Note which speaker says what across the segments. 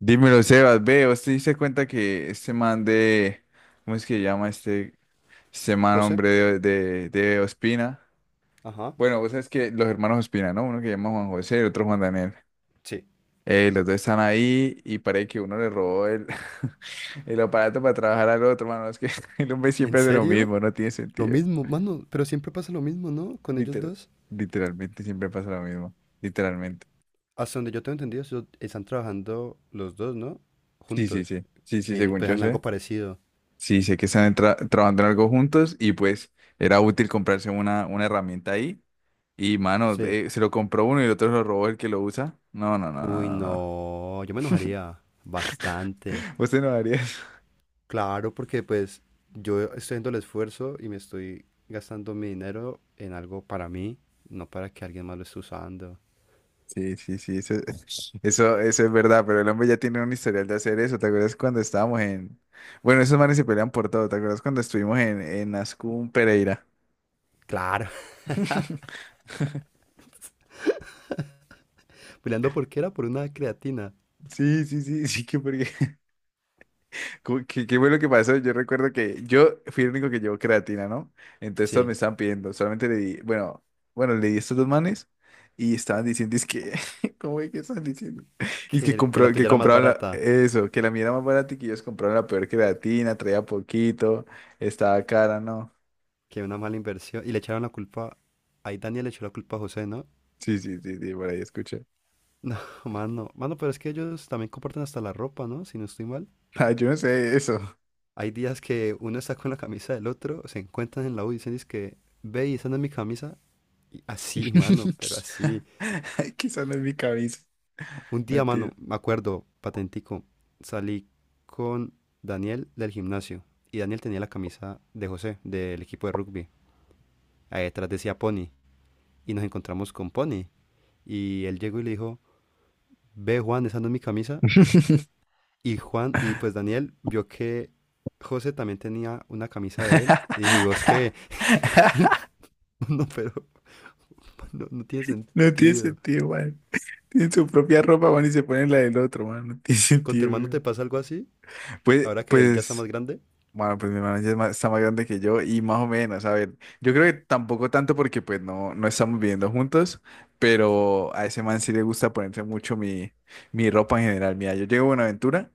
Speaker 1: Dímelo, Sebas, ve, ¿usted se diste cuenta que este man de, ¿cómo es que se llama este, este man,
Speaker 2: José.
Speaker 1: hombre de Ospina?
Speaker 2: Ajá.
Speaker 1: Bueno, vos sabes que los hermanos Ospina, ¿no? Uno que se llama Juan José y otro Juan Daniel.
Speaker 2: Sí.
Speaker 1: Los dos están ahí y parece que uno le robó el, el aparato para trabajar al otro, mano. Es que el hombre
Speaker 2: ¿En
Speaker 1: siempre hace lo
Speaker 2: serio?
Speaker 1: mismo, no tiene
Speaker 2: Lo
Speaker 1: sentido.
Speaker 2: mismo, mano, pero siempre pasa lo mismo, ¿no? Con ellos
Speaker 1: Literal,
Speaker 2: dos.
Speaker 1: literalmente siempre pasa lo mismo, literalmente.
Speaker 2: Hasta donde yo tengo entendido, están trabajando los dos, ¿no?
Speaker 1: Sí, sí,
Speaker 2: Juntos.
Speaker 1: sí, sí, sí,
Speaker 2: En,
Speaker 1: según
Speaker 2: pues
Speaker 1: yo
Speaker 2: en
Speaker 1: sé.
Speaker 2: algo parecido.
Speaker 1: Sí, sé que están trabajando en algo juntos y pues era útil comprarse una herramienta ahí. Y mano,
Speaker 2: Sí.
Speaker 1: se lo compró uno y el otro lo robó el que lo usa. No, no, no, no,
Speaker 2: Uy,
Speaker 1: no. no.
Speaker 2: no, yo me enojaría bastante.
Speaker 1: Usted no haría eso.
Speaker 2: Claro, porque pues yo estoy haciendo el esfuerzo y me estoy gastando mi dinero en algo para mí, no para que alguien más lo esté usando.
Speaker 1: Sí, sí, sí, eso, eso es verdad, pero el hombre ya tiene un historial de hacer eso. ¿Te acuerdas cuando estábamos en... Bueno, esos manes se pelean por todo. ¿Te acuerdas cuando estuvimos en Ascún Pereira?
Speaker 2: Claro, peleando porque era por una creatina.
Speaker 1: Sí, sí, sí, sí, que porque... Qué bueno que pasó. Yo recuerdo que yo fui el único que llevó creatina, ¿no? Entonces todos me
Speaker 2: Sí,
Speaker 1: estaban pidiendo. Solamente le di, bueno, bueno, le di a estos dos manes y estaban diciendo, es que, ¿cómo es que están diciendo? Y es que,
Speaker 2: que la
Speaker 1: compró, que
Speaker 2: tuya era más
Speaker 1: compraban
Speaker 2: barata.
Speaker 1: eso, que la mía era más barata y que ellos compraban la peor creatina, traía poquito, estaba cara, ¿no?
Speaker 2: Que una mala inversión. Y le echaron la culpa. Ahí Daniel le echó la culpa a José, ¿no?
Speaker 1: Sí, sí, sí, sí, por ahí escuché.
Speaker 2: No, mano. Mano, pero es que ellos también comparten hasta la ropa, ¿no? Si no estoy mal.
Speaker 1: Ah, yo no sé eso.
Speaker 2: Hay días que uno está con la camisa del otro, se encuentran en la U y dicen, que ve y esa no es mi camisa. Y así, mano, pero así.
Speaker 1: Quizás no es mi cabeza.
Speaker 2: Un
Speaker 1: No
Speaker 2: día,
Speaker 1: tiene.
Speaker 2: mano, me acuerdo, patentico, salí con Daniel del gimnasio. Y Daniel tenía la camisa de José, del equipo de rugby. Ahí detrás decía Pony. Y nos encontramos con Pony. Y él llegó y le dijo, ve Juan, esa no es mi camisa. Y Juan, y pues Daniel vio que José también tenía una camisa de él y dijo, ¿y vos qué? No, pero no tiene
Speaker 1: No tiene
Speaker 2: sentido.
Speaker 1: sentido, man. Tienen su propia ropa, van y se ponen la del otro, man. No tiene
Speaker 2: ¿Con tu
Speaker 1: sentido,
Speaker 2: hermano te
Speaker 1: weón.
Speaker 2: pasa algo así?
Speaker 1: Pues,
Speaker 2: Ahora que él ya está
Speaker 1: pues,
Speaker 2: más grande.
Speaker 1: bueno, pues mi hermano ya es está más grande que yo y más o menos, a ver, yo creo que tampoco tanto porque pues no, no estamos viviendo juntos, pero a ese man sí le gusta ponerse mucho mi, mi ropa en general. Mira, yo llego a Buenaventura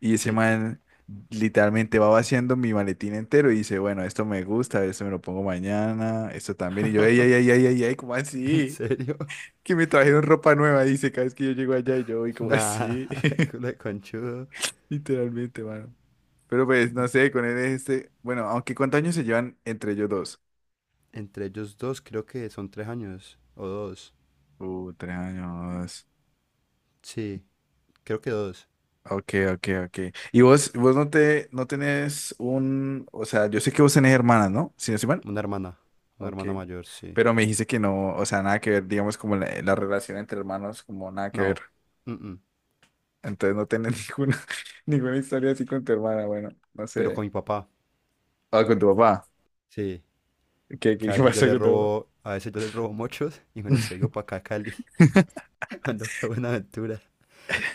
Speaker 1: y ese
Speaker 2: Sí.
Speaker 1: man literalmente va vaciando mi maletín entero y dice, bueno, esto me gusta, esto me lo pongo mañana, esto también. Y yo, ay, ay, ay, ay, ay, ay, ¿cómo
Speaker 2: ¿En
Speaker 1: así?
Speaker 2: serio?
Speaker 1: Que me trajeron ropa nueva, dice, cada vez que yo llego allá y yo voy como
Speaker 2: Nah,
Speaker 1: así,
Speaker 2: culo de conchudo.
Speaker 1: literalmente, mano. Pero pues, no sé, con él es este, bueno, aunque ¿cuántos años se llevan entre ellos dos?
Speaker 2: Entre ellos dos creo que son 3 años o 2.
Speaker 1: 3 años.
Speaker 2: Sí, creo que 2.
Speaker 1: Ok, ok, ok. Y vos no tenés un, o sea, yo sé que vos tenés hermanas, ¿no? Si no estoy mal.
Speaker 2: Una hermana, una
Speaker 1: Ok.
Speaker 2: hermana mayor, sí.
Speaker 1: Pero me dijiste que no, o sea, nada que ver, digamos, como la relación entre hermanos, como nada que
Speaker 2: No,
Speaker 1: ver.
Speaker 2: mm, mm,
Speaker 1: Entonces no tenés ninguna historia así con tu hermana, bueno, no
Speaker 2: pero
Speaker 1: sé.
Speaker 2: con mi papá,
Speaker 1: Ah, con tu papá.
Speaker 2: sí.
Speaker 1: ¿Qué, qué,
Speaker 2: Que a
Speaker 1: qué
Speaker 2: veces yo
Speaker 1: pasó
Speaker 2: le
Speaker 1: con tu papá?
Speaker 2: robo, a veces yo le robo mochos y me los traigo para acá a Cali, cuando voy a Buenaventura.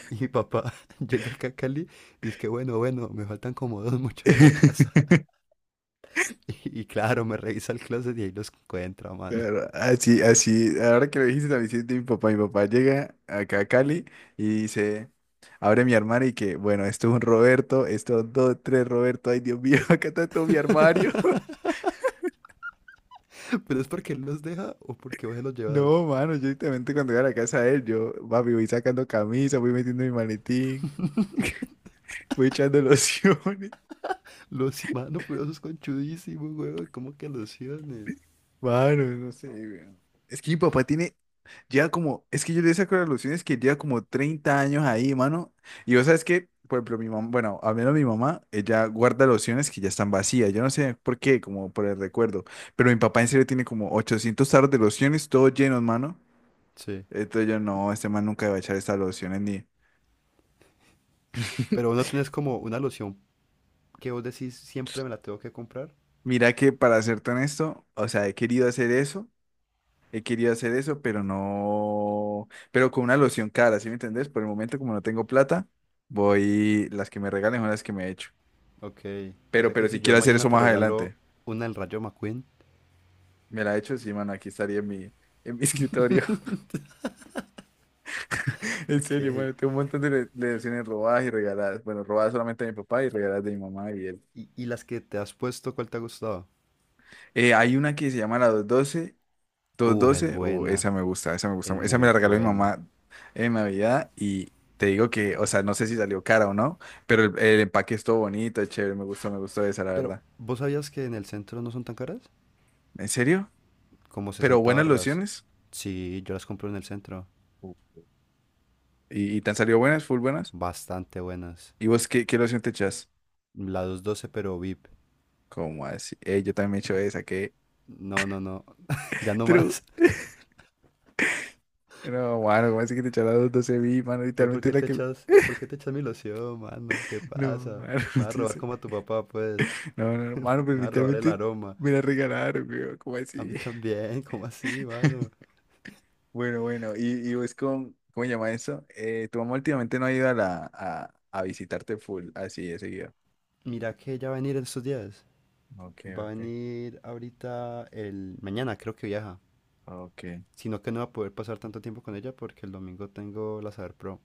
Speaker 2: Y mi papá llega acá a Cali, dice que bueno, bueno, me faltan como dos mochos en la casa. Y claro, me revisa el closet y ahí los encuentra, mano.
Speaker 1: Claro, así, así, ahora que lo dijiste, la visita de mi papá llega acá a Cali y dice, abre mi armario y que, bueno, esto es un Roberto, esto dos, tres Roberto, ay Dios mío, acá está todo mi armario.
Speaker 2: Pero es porque él los deja o porque vos se los llevas.
Speaker 1: No, mano, yo directamente cuando llego a la casa de él, yo, papi, voy sacando camisa, voy metiendo mi maletín, voy echando lociones.
Speaker 2: Los, mano, pero eso es conchudísimo, huevón. ¿Cómo que lociones?
Speaker 1: Mano, no sé, weón. Es que mi papá tiene Lleva como, es que yo le saco las lociones que lleva como 30 años ahí, mano. Y vos sabes que, por ejemplo, mi mamá, bueno, al menos mi mamá, ella guarda lociones que ya están vacías. Yo no sé por qué, como por el recuerdo. Pero mi papá en serio tiene como 800 tarros de lociones, todos llenos, mano.
Speaker 2: Sí.
Speaker 1: Entonces yo, no, este man nunca va a echar estas lociones ni.
Speaker 2: Pero vos no tenés como una loción que vos decís siempre me la tengo que comprar.
Speaker 1: Mira que para serte honesto, o sea, he querido hacer eso, he querido hacer eso, pero no. Pero con una loción cara, ¿sí me entendés? Por el momento, como no tengo plata, voy, las que me regalen son las que me he
Speaker 2: Ok, o
Speaker 1: Pero,
Speaker 2: sea que
Speaker 1: pero si
Speaker 2: si yo
Speaker 1: quiero hacer
Speaker 2: mañana
Speaker 1: eso
Speaker 2: te
Speaker 1: más
Speaker 2: regalo
Speaker 1: adelante,
Speaker 2: una del Rayo McQueen,
Speaker 1: me la he hecho, sí, mano, aquí estaría en mi, escritorio. En serio,
Speaker 2: ok,
Speaker 1: bueno, tengo un montón de lecciones robadas y regaladas. Bueno, robadas solamente de mi papá y regaladas de mi mamá y él.
Speaker 2: y las que te has puesto, ¿cuál te ha gustado?
Speaker 1: Hay una que se llama la 212,
Speaker 2: Es
Speaker 1: doce o esa
Speaker 2: buena,
Speaker 1: me gusta, esa me gusta,
Speaker 2: es
Speaker 1: esa me
Speaker 2: muy
Speaker 1: la regaló mi
Speaker 2: buena.
Speaker 1: mamá en Navidad y te digo que, o sea, no sé si salió cara o no, pero el empaque es todo bonito, es chévere, me gustó esa, la
Speaker 2: Pero,
Speaker 1: verdad.
Speaker 2: ¿vos sabías que en el centro no son tan caras?
Speaker 1: ¿En serio?
Speaker 2: Como
Speaker 1: Pero
Speaker 2: 60
Speaker 1: buenas
Speaker 2: barras.
Speaker 1: lociones
Speaker 2: Sí, yo las compro en el centro,
Speaker 1: Uh. Y te han salido buenas, full buenas.
Speaker 2: bastante buenas.
Speaker 1: ¿Y vos qué loción te echas?
Speaker 2: La 212 pero VIP.
Speaker 1: ¿Cómo así? Yo también he hecho esa, ¿qué?
Speaker 2: No, no, no, ya no
Speaker 1: True.
Speaker 2: más.
Speaker 1: No, mano, ¿cómo así que te echas las 12.000, mano?
Speaker 2: Pues, ¿por
Speaker 1: Literalmente
Speaker 2: qué
Speaker 1: la
Speaker 2: te
Speaker 1: que...
Speaker 2: echas, por qué te echas mi loción, mano? ¿Qué
Speaker 1: No,
Speaker 2: pasa?
Speaker 1: mano,
Speaker 2: Me va a robar
Speaker 1: dice...
Speaker 2: como a tu papá, pues.
Speaker 1: No, no, no, mano, pero
Speaker 2: Me va a robar el
Speaker 1: literalmente
Speaker 2: aroma.
Speaker 1: me la regalaron, weón, ¿cómo
Speaker 2: A
Speaker 1: así?
Speaker 2: mí también, ¿cómo así, mano?
Speaker 1: Bueno, bueno, y, vos con... ¿Cómo se llama eso? Tu mamá últimamente no ha ido a, la a visitarte full, así de seguido.
Speaker 2: Mira que ella va a venir en estos días.
Speaker 1: Ok,
Speaker 2: Va a
Speaker 1: ok,
Speaker 2: venir ahorita el mañana, creo que viaja.
Speaker 1: ok.
Speaker 2: Sino que no va a poder pasar tanto tiempo con ella porque el domingo tengo la Saber Pro.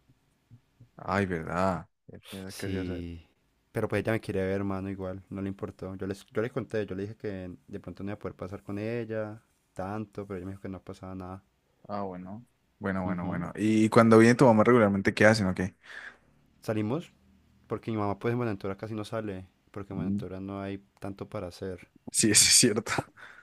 Speaker 1: Ay, ¿verdad? Ya casi ya sabes.
Speaker 2: Sí. Pero pues ella me quiere ver, hermano, igual, no le importó. Yo le conté, yo le dije que de pronto no iba a poder pasar con ella tanto, pero ella me dijo que no pasaba nada.
Speaker 1: Ah, bueno. Bueno, bueno,
Speaker 2: Ujú.
Speaker 1: bueno. ¿Y cuando viene tu mamá regularmente, qué hacen o qué?
Speaker 2: Salimos porque mi mamá pues en Buenaventura casi no sale, porque en
Speaker 1: Mm.
Speaker 2: Buenaventura no hay tanto para hacer.
Speaker 1: Sí, eso es cierto.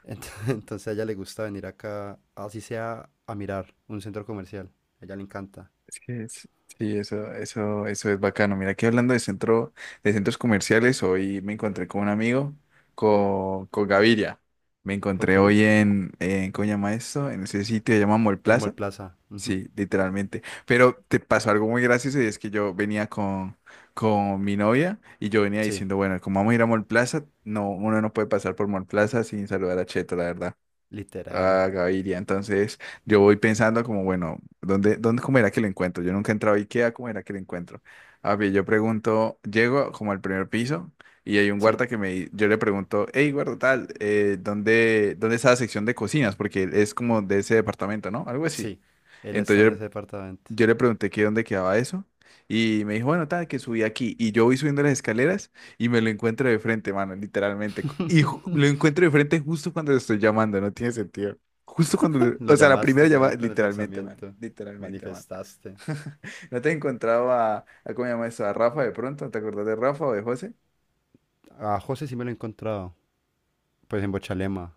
Speaker 2: Entonces a ella le gusta venir acá, así sea a mirar un centro comercial. A ella le encanta.
Speaker 1: Es que es- Sí, eso es bacano. Mira, aquí hablando de centro, de centros comerciales, hoy me encontré con un amigo, con, Gaviria. Me
Speaker 2: Ok.
Speaker 1: encontré hoy en, ¿cómo se llama esto? En ese sitio que se llama Mall
Speaker 2: En Mall
Speaker 1: Plaza.
Speaker 2: Plaza, ujú.
Speaker 1: Sí, literalmente. Pero te pasó algo muy gracioso y es que yo venía con mi novia y yo venía
Speaker 2: Sí,
Speaker 1: diciendo, bueno, como vamos a ir a Mall Plaza, no, uno no puede pasar por Mall Plaza sin saludar a Cheto, la verdad.
Speaker 2: literal.
Speaker 1: Ah, Gaviria, entonces yo voy pensando como, bueno, ¿dónde, cómo era que lo encuentro? Yo nunca he entrado a IKEA, ¿cómo era que lo encuentro? A ver, yo pregunto, llego como al primer piso y hay un
Speaker 2: Sí,
Speaker 1: guarda que yo le pregunto, hey, guarda tal, ¿dónde está la sección de cocinas? Porque es como de ese departamento, ¿no? Algo así.
Speaker 2: sí. Él está en
Speaker 1: Entonces
Speaker 2: ese departamento.
Speaker 1: yo le pregunté que dónde quedaba eso y me dijo, bueno, tal, que subí aquí. Y yo voy subiendo las escaleras y me lo encuentro de frente, mano, literalmente. Lo encuentro de frente justo cuando lo estoy llamando, no tiene sentido. Justo cuando,
Speaker 2: Lo
Speaker 1: o sea, la primera
Speaker 2: llamaste,
Speaker 1: llamada,
Speaker 2: weón, con el
Speaker 1: literalmente, mano,
Speaker 2: pensamiento.
Speaker 1: literalmente, mano.
Speaker 2: Manifestaste.
Speaker 1: ¿No te he encontrado a, cómo se llama eso, a Rafa de pronto? ¿Te acordás de Rafa o de José?
Speaker 2: A José sí me lo he encontrado. Pues en Bochalema.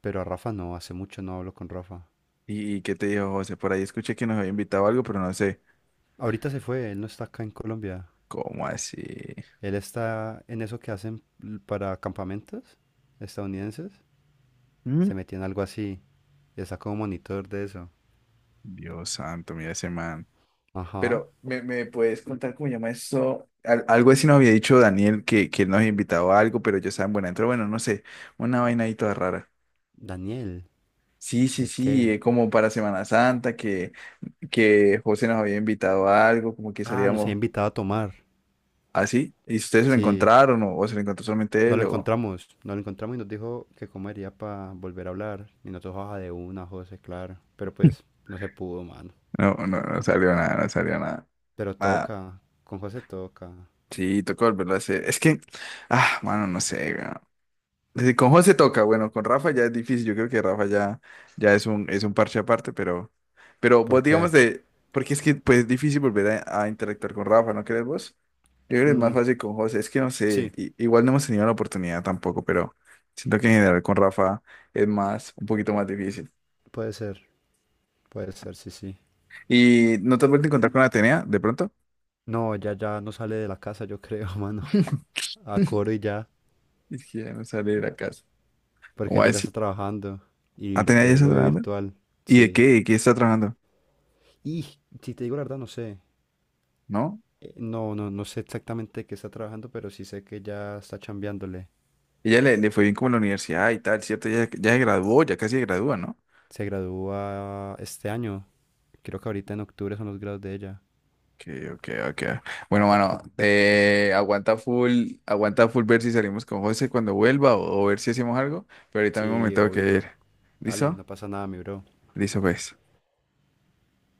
Speaker 2: Pero a Rafa no, hace mucho no hablo con Rafa.
Speaker 1: ¿Y qué te dijo José? Por ahí escuché que nos había invitado a algo, pero no sé.
Speaker 2: Ahorita se fue, él no está acá en Colombia.
Speaker 1: ¿Cómo así?
Speaker 2: Él está en eso que hacen para campamentos estadounidenses.
Speaker 1: Mm.
Speaker 2: Se metió en algo así. Ya sacó un monitor de eso.
Speaker 1: Dios santo, mira ese man.
Speaker 2: Ajá.
Speaker 1: Pero, ¿me puedes contar cómo llama eso? Algo así nos había dicho Daniel que, él nos había invitado a algo, pero yo estaba en Buenaventura, bueno, no sé, una vaina ahí toda rara.
Speaker 2: Daniel,
Speaker 1: Sí, sí,
Speaker 2: ¿de
Speaker 1: sí,
Speaker 2: qué?
Speaker 1: como para Semana Santa, que, José nos había invitado a algo, como que
Speaker 2: Ah, nos había
Speaker 1: salíamos
Speaker 2: invitado a tomar.
Speaker 1: así. ¿Y ustedes se lo
Speaker 2: Sí,
Speaker 1: encontraron o se lo encontró solamente
Speaker 2: no
Speaker 1: él?
Speaker 2: lo
Speaker 1: O...
Speaker 2: encontramos. No lo encontramos y nos dijo que comería para volver a hablar. Y nosotros, baja de una, José, claro. Pero pues no se pudo, mano.
Speaker 1: No, no, no salió nada, no salió nada.
Speaker 2: Pero
Speaker 1: Nada.
Speaker 2: toca, con José toca.
Speaker 1: Sí, tocó volverlo a hacer. Es que, mano, no sé, weón. Sí, con José toca, bueno, con Rafa ya es difícil, yo creo que Rafa ya, ya es un, parche aparte, pero vos
Speaker 2: ¿Por
Speaker 1: digamos
Speaker 2: qué?
Speaker 1: de, porque es que pues es difícil volver a interactuar con Rafa, ¿no crees vos? Yo creo que es más
Speaker 2: Mm,
Speaker 1: fácil con José, es que no sé,
Speaker 2: sí,
Speaker 1: igual no hemos tenido la oportunidad tampoco, pero siento que en general con Rafa es más, un poquito más difícil.
Speaker 2: puede ser, puede ser, sí, sí.
Speaker 1: ¿Y no te has vuelto a encontrar con Atenea de pronto?
Speaker 2: No, ya no sale de la casa, yo creo, mano. A coro y ya,
Speaker 1: Es que ya no sale de la casa. ¿Cómo
Speaker 2: porque
Speaker 1: va a
Speaker 2: ya está
Speaker 1: decir?
Speaker 2: trabajando y lo
Speaker 1: ¿Atenea
Speaker 2: que
Speaker 1: ya
Speaker 2: ve
Speaker 1: está
Speaker 2: lo ve
Speaker 1: trabajando?
Speaker 2: virtual,
Speaker 1: ¿Y de
Speaker 2: sí.
Speaker 1: qué? ¿De qué está trabajando?
Speaker 2: Y si te digo la verdad, no sé.
Speaker 1: ¿No?
Speaker 2: No, no sé exactamente qué está trabajando, pero sí sé que ya está chambeándole.
Speaker 1: Ella le fue bien como en la universidad y tal, ¿cierto? Ya, ya se graduó, ya casi se gradúa, ¿no?
Speaker 2: Se gradúa este año. Creo que ahorita en octubre son los grados de ella.
Speaker 1: Okay, okay, okay. Bueno, mano, aguanta full ver si salimos con José cuando vuelva o, ver si hacemos algo, pero ahorita mismo me
Speaker 2: Sí,
Speaker 1: tengo que ir.
Speaker 2: obvio. Dale,
Speaker 1: ¿Listo?
Speaker 2: no pasa nada, mi bro.
Speaker 1: Listo, pues.